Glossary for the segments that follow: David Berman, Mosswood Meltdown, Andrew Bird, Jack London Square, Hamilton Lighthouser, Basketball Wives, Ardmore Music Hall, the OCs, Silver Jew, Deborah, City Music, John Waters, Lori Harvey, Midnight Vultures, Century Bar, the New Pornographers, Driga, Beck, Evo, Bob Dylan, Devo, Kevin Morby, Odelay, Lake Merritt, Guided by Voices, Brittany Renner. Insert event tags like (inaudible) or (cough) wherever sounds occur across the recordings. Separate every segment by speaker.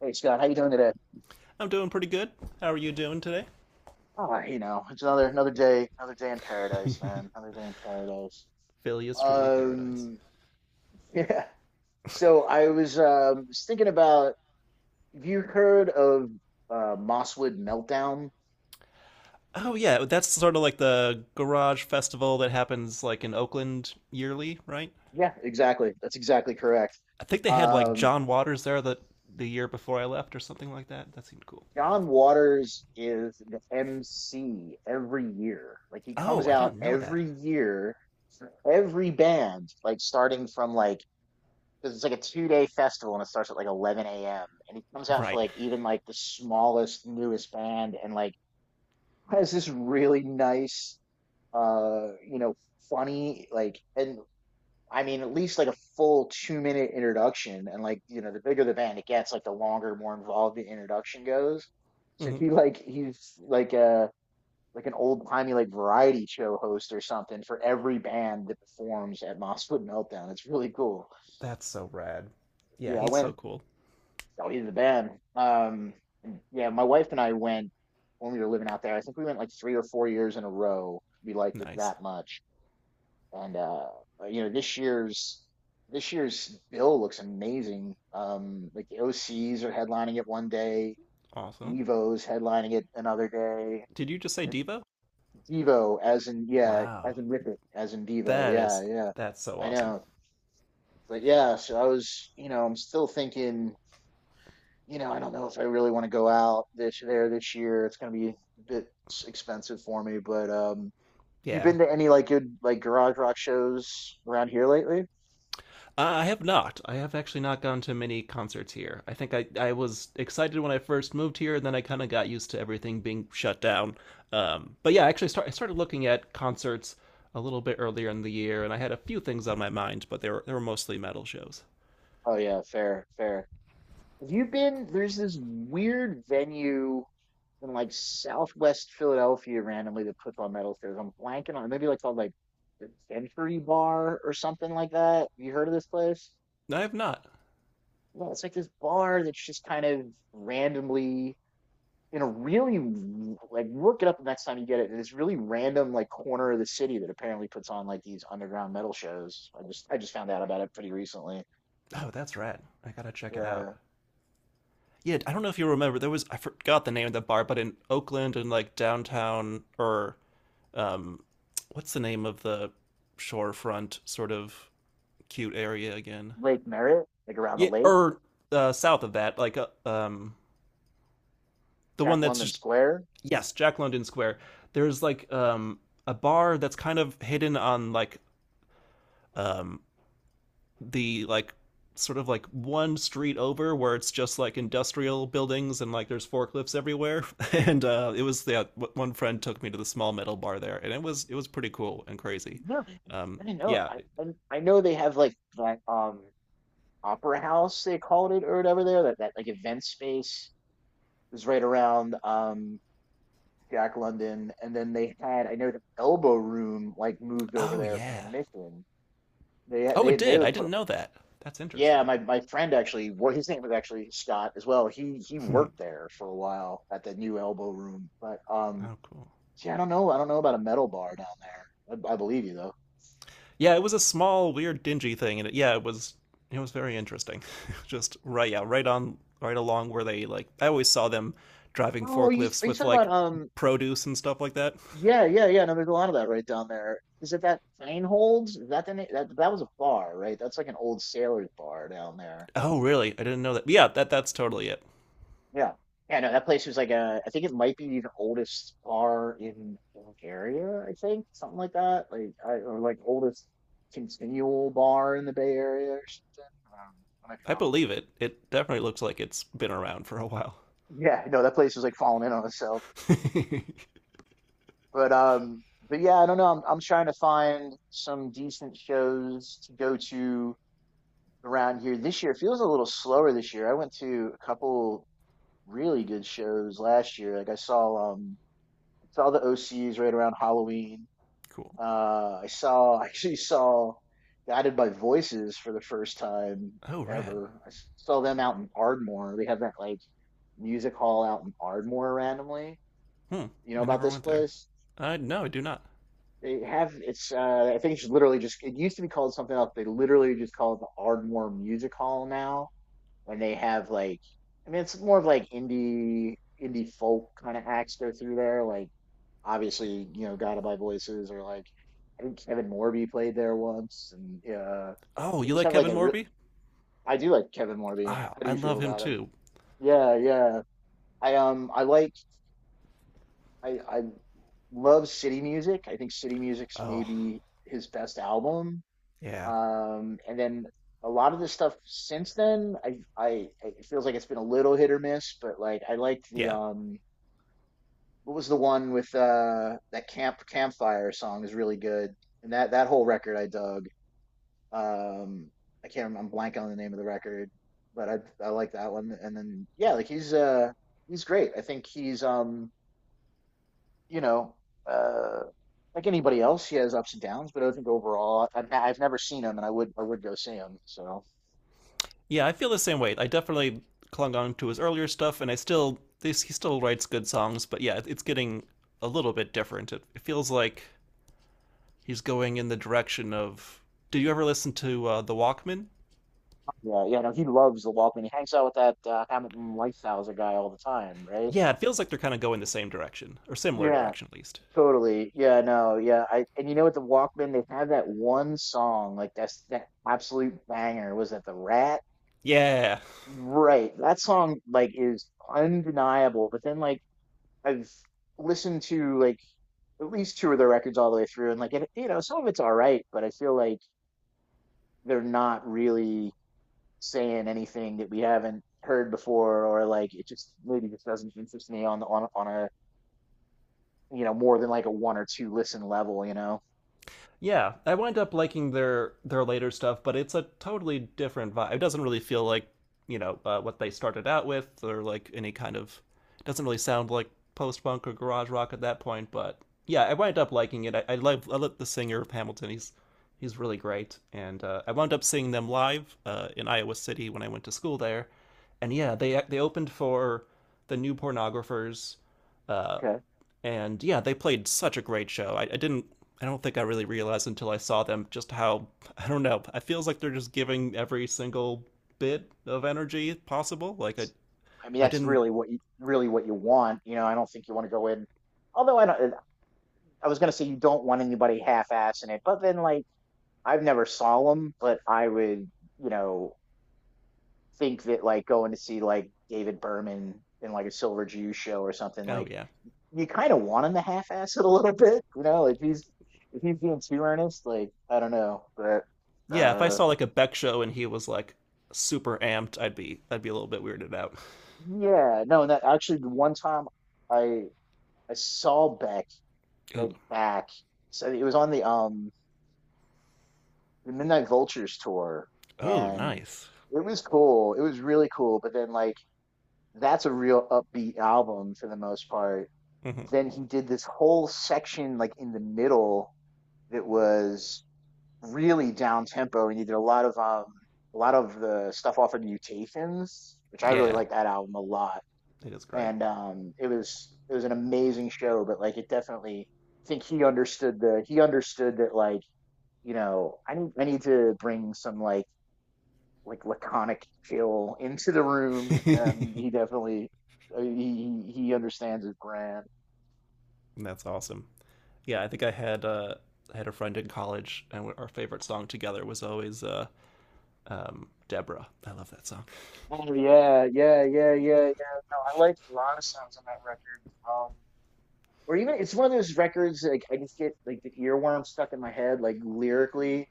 Speaker 1: Hey Scott, how you doing today?
Speaker 2: I'm doing pretty good. How are you doing today?
Speaker 1: Ah, you know, it's another day, another day in paradise, man. Another day in paradise.
Speaker 2: Philly is truly paradise.
Speaker 1: Um, (laughs) yeah. So I was thinking about, have you heard of Mosswood Meltdown?
Speaker 2: Oh yeah, that's sort of like the garage festival that happens like in Oakland yearly, right?
Speaker 1: Yeah, exactly. That's exactly correct.
Speaker 2: I think they had like
Speaker 1: Um,
Speaker 2: John Waters there the year before I left or something like that. That seemed cool.
Speaker 1: John Waters is the MC every year. Like he
Speaker 2: Oh,
Speaker 1: comes
Speaker 2: I
Speaker 1: out
Speaker 2: didn't know that.
Speaker 1: every year for every band, like starting from like because it's like a 2-day festival and it starts at like 11 a.m. and he comes out for
Speaker 2: Right.
Speaker 1: like even like the smallest newest band and like has this really nice uh you know funny like and I mean at least like a full 2-minute introduction and like you know the bigger the band it gets like the longer more involved the introduction goes so
Speaker 2: Hmm.
Speaker 1: he like he's like a like an old timey like variety show host or something for every band that performs at Mosswood Meltdown it's really cool.
Speaker 2: That's so rad. Yeah,
Speaker 1: Yeah, I
Speaker 2: he's
Speaker 1: went.
Speaker 2: so cool.
Speaker 1: Oh, he's the band. Yeah, my wife and I went when we were living out there. I think we went like 3 or 4 years in a row. We liked it
Speaker 2: Nice.
Speaker 1: that much, and this year's bill looks amazing. Like the OCs are headlining it one day,
Speaker 2: Awesome.
Speaker 1: Evo's headlining it another day.
Speaker 2: Did you just say
Speaker 1: Uh,
Speaker 2: Devo?
Speaker 1: Devo, as in yeah,
Speaker 2: Wow.
Speaker 1: as in Rip it, as in Devo.
Speaker 2: That
Speaker 1: Yeah,
Speaker 2: is
Speaker 1: yeah,
Speaker 2: that's so
Speaker 1: I
Speaker 2: awesome.
Speaker 1: know. But yeah, so I'm still thinking. I don't know if I really want to go out this there this year. It's gonna be a bit expensive for me, but have you
Speaker 2: Yeah.
Speaker 1: been to any like good like garage rock shows around here lately?
Speaker 2: I have not. I have actually not gone to many concerts here. I think I was excited when I first moved here, and then I kind of got used to everything being shut down. But yeah, I started looking at concerts a little bit earlier in the year, and I had a few things on my mind, but they were mostly metal shows.
Speaker 1: Oh yeah, fair, fair. Have you been? There's this weird venue in like Southwest Philadelphia randomly that puts on metal shows. I'm blanking on maybe like called like the Century Bar or something like that. You heard of this place?
Speaker 2: No, I have not.
Speaker 1: Yeah, it's like this bar that's just kind of randomly in a really like look it up the next time you get it. In this really random like corner of the city that apparently puts on like these underground metal shows. I just found out about it pretty recently.
Speaker 2: Oh, that's right. I gotta check it
Speaker 1: Uh,
Speaker 2: out. Yeah, I don't know if you remember, there was, I forgot the name of the bar, but in Oakland and like downtown, or um, what's the name of the shorefront sort of cute area again?
Speaker 1: Lake Merritt, like around the
Speaker 2: Yeah,
Speaker 1: lake,
Speaker 2: or south of that, like the one
Speaker 1: Jack
Speaker 2: that's
Speaker 1: London
Speaker 2: just
Speaker 1: Square.
Speaker 2: yes, Jack London Square. There's like a bar that's kind of hidden on like um, the like sort of like one street over where it's just like industrial buildings and like there's forklifts everywhere. (laughs) And it was yeah, one friend took me to the small metal bar there, and it was pretty cool and crazy.
Speaker 1: No, I didn't know.
Speaker 2: Yeah.
Speaker 1: I know they have like that opera house they called it or whatever there that like event space is right around Jack London, and then they had, I know, the Elbow Room like moved over
Speaker 2: Oh
Speaker 1: there from the
Speaker 2: yeah.
Speaker 1: Mission. they had-
Speaker 2: Oh,
Speaker 1: they
Speaker 2: it
Speaker 1: they
Speaker 2: did. I
Speaker 1: would put.
Speaker 2: didn't know that. That's
Speaker 1: Yeah,
Speaker 2: interesting.
Speaker 1: my friend actually, well, his name was actually Scott as well. He worked
Speaker 2: (laughs)
Speaker 1: there for a while at the new Elbow Room, but
Speaker 2: Oh, cool.
Speaker 1: yeah, I don't know about a metal bar down there. I believe you though.
Speaker 2: Yeah, it was a small, weird, dingy thing, and it, yeah, it was very interesting. (laughs) Just right, yeah, right on, right along where they like. I always saw them driving
Speaker 1: Oh, you are
Speaker 2: forklifts
Speaker 1: you
Speaker 2: with
Speaker 1: talking about
Speaker 2: like
Speaker 1: um?
Speaker 2: produce and stuff like that.
Speaker 1: Yeah, yeah, yeah. No, there's a lot of that right down there. Is it that Feinholds? Is that the name? That was a bar, right? That's like an old sailors bar down there.
Speaker 2: Oh, really? I didn't know that. Yeah, that that's totally it.
Speaker 1: Yeah. Yeah, no, that place was like a, I think it might be the oldest bar in Bulgaria, I think, something like that. Like, I, or like oldest continual bar in the Bay Area or something. I might be
Speaker 2: I
Speaker 1: wrong.
Speaker 2: believe it. It definitely looks like it's been around for a while.
Speaker 1: Yeah, no, that place was like falling in on itself.
Speaker 2: (laughs)
Speaker 1: But, um, but, yeah, I don't know. I'm trying to find some decent shows to go to around here this year. It feels a little slower this year. I went to a couple really good shows last year. Like I saw the OCs right around Halloween.
Speaker 2: Cool.
Speaker 1: I saw (laughs) I actually saw Guided by Voices for the first time
Speaker 2: Oh, rad.
Speaker 1: ever. I saw them out in Ardmore. They have that like music hall out in Ardmore randomly.
Speaker 2: Hmm.
Speaker 1: You know
Speaker 2: I
Speaker 1: about
Speaker 2: never
Speaker 1: this
Speaker 2: went there.
Speaker 1: place?
Speaker 2: I no, I do not.
Speaker 1: They have, it's I think it's literally just it used to be called something else. They literally just call it the Ardmore Music Hall now and they have like, I mean it's more of like indie folk kind of acts go through there. Like obviously, you know, Guided by Voices or like I think Kevin Morby played there once and
Speaker 2: Oh,
Speaker 1: they
Speaker 2: you
Speaker 1: just
Speaker 2: like
Speaker 1: have like
Speaker 2: Kevin
Speaker 1: a real.
Speaker 2: Morby?
Speaker 1: I do like Kevin Morby.
Speaker 2: Ah,
Speaker 1: How do
Speaker 2: I
Speaker 1: you feel
Speaker 2: love him
Speaker 1: about him?
Speaker 2: too.
Speaker 1: Yeah, yeah. I um I like I love City Music. I think City Music's
Speaker 2: Oh,
Speaker 1: maybe his best album.
Speaker 2: yeah,
Speaker 1: And then a lot of the stuff since then, it feels like it's been a little hit or miss, but like I liked the
Speaker 2: yeah.
Speaker 1: what was the one with that campfire song is really good, and that whole record I dug. Um, I can't remember, I'm blank on the name of the record, but I like that one. And then yeah, like he's great. I think he's you know uh like anybody else, he has ups and downs, but I think overall, I've never seen him, and I would go see him. So.
Speaker 2: Yeah, I feel the same way. I definitely clung on to his earlier stuff, and he still writes good songs, but yeah, it's getting a little bit different. It feels like he's going in the direction of. Did you ever listen to the Walkman?
Speaker 1: Yeah, yeah, no, he loves the Walkman. He hangs out with that Hamilton Lighthouser guy all the time, right?
Speaker 2: Yeah, it feels like they're kind of going the same direction or similar
Speaker 1: Yeah,
Speaker 2: direction at least.
Speaker 1: totally. Yeah, no, yeah. I and You know what, the Walkman, they have that one song, like that's that absolute banger. Was that the Rat?
Speaker 2: Yeah,
Speaker 1: Right. That song like is undeniable. But then like I've listened to like at least two of their records all the way through, and like it, you know, some of it's all right, but I feel like they're not really saying anything that we haven't heard before, or like it just maybe just doesn't interest me on the on a more than like a one or two listen level, you know.
Speaker 2: yeah, I wind up liking their later stuff, but it's a totally different vibe. It doesn't really feel like you know what they started out with, or like any kind of. It doesn't really sound like post punk or garage rock at that point, but yeah, I wind up liking it. I love I love the singer of Hamilton. He's really great, and I wound up seeing them live in Iowa City when I went to school there, and yeah, they opened for the New Pornographers uh,
Speaker 1: Okay.
Speaker 2: and yeah, they played such a great show. I didn't. I don't think I really realized until I saw them just how I don't know. It feels like they're just giving every single bit of energy possible. Like
Speaker 1: I mean,
Speaker 2: I
Speaker 1: that's
Speaker 2: didn't.
Speaker 1: really what you want. I don't think you want to go in. Although I don't, I was gonna say you don't want anybody half-assing it, but then like I've never saw them, but I would, you know, think that like going to see like David Berman in like a Silver Jew show or something
Speaker 2: Oh
Speaker 1: like
Speaker 2: yeah,
Speaker 1: you kind of want him to half-ass it a little bit, you know, if he's being too earnest, like I don't know, but
Speaker 2: yeah. If I
Speaker 1: uh,
Speaker 2: saw like a Beck show and he was like super amped, I'd be a little bit weirded out.
Speaker 1: yeah, no, and that actually the one time I I saw Beck like
Speaker 2: Ooh,
Speaker 1: back, so it was on the Midnight Vultures tour,
Speaker 2: ooh,
Speaker 1: and
Speaker 2: nice.
Speaker 1: it was cool, it was really cool, but then like that's a real upbeat album for the most part.
Speaker 2: Hmm.
Speaker 1: Then he did this whole section like in the middle that was really down tempo, and he did a lot of the stuff off of Mutations, which I really
Speaker 2: Yeah,
Speaker 1: like that album a lot.
Speaker 2: it is great.
Speaker 1: And it was an amazing show, but like it definitely, I think he understood the he understood that like I need to bring some like laconic chill into the room, and
Speaker 2: (laughs)
Speaker 1: he definitely he understands his brand.
Speaker 2: That's awesome. Yeah, I think I had a friend in college, and our favorite song together was always Deborah. I love that song.
Speaker 1: Oh yeah, yeah, yeah, yeah, yeah. No, I liked a lot of songs on that record. Um, or even it's one of those records like I just get like the earworm stuck in my head, like lyrically.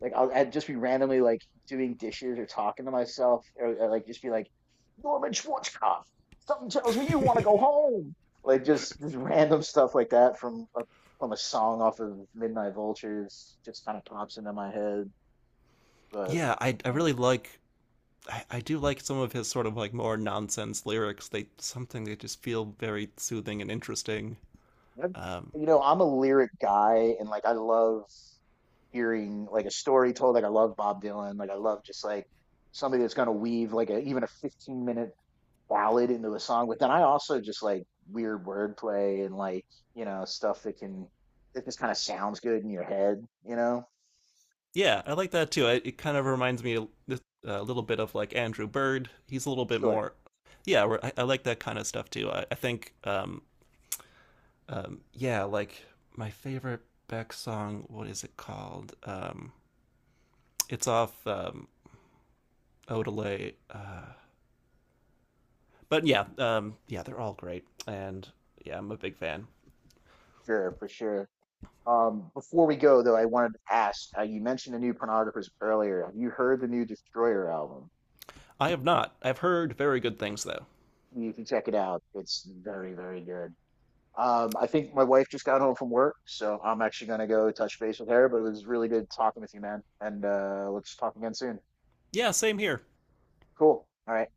Speaker 1: Like I'd just be randomly like doing dishes or talking to myself, or, like just be like, Norman Schwarzkopf, something tells me you want to go home. Like just this random stuff like that from a song off of Midnight Vultures just kind of pops into my head.
Speaker 2: (laughs)
Speaker 1: But
Speaker 2: Yeah, I
Speaker 1: you
Speaker 2: I
Speaker 1: know,
Speaker 2: really like I do like some of his sort of like more nonsense lyrics. They something they just feel very soothing and interesting.
Speaker 1: That's,
Speaker 2: Um,
Speaker 1: I'm a lyric guy and like I love hearing like a story told. Like I love Bob Dylan. Like I love just like somebody that's going to weave like a, even a 15-minute ballad into a song. But then I also just like weird wordplay and like, stuff that can, that just kind of sounds good in your head, you know?
Speaker 2: yeah, I like that too. It kind of reminds me a little bit of like Andrew Bird. He's a little bit
Speaker 1: Sure,
Speaker 2: more. Yeah, I like that kind of stuff too. I think yeah, like my favorite Beck song. What is it called? It's off Odelay. But yeah, yeah, they're all great, and yeah, I'm a big fan.
Speaker 1: sure, for sure. Before we go though, I wanted to ask, you mentioned the new pornographers earlier. Have you heard the new Destroyer album?
Speaker 2: I have not. I've heard very good things though.
Speaker 1: You can check it out. It's very, very good. I think my wife just got home from work, so I'm actually gonna go touch base with her. But it was really good talking with you, man. And let's talk again soon.
Speaker 2: Yeah, same here.
Speaker 1: Cool. All right.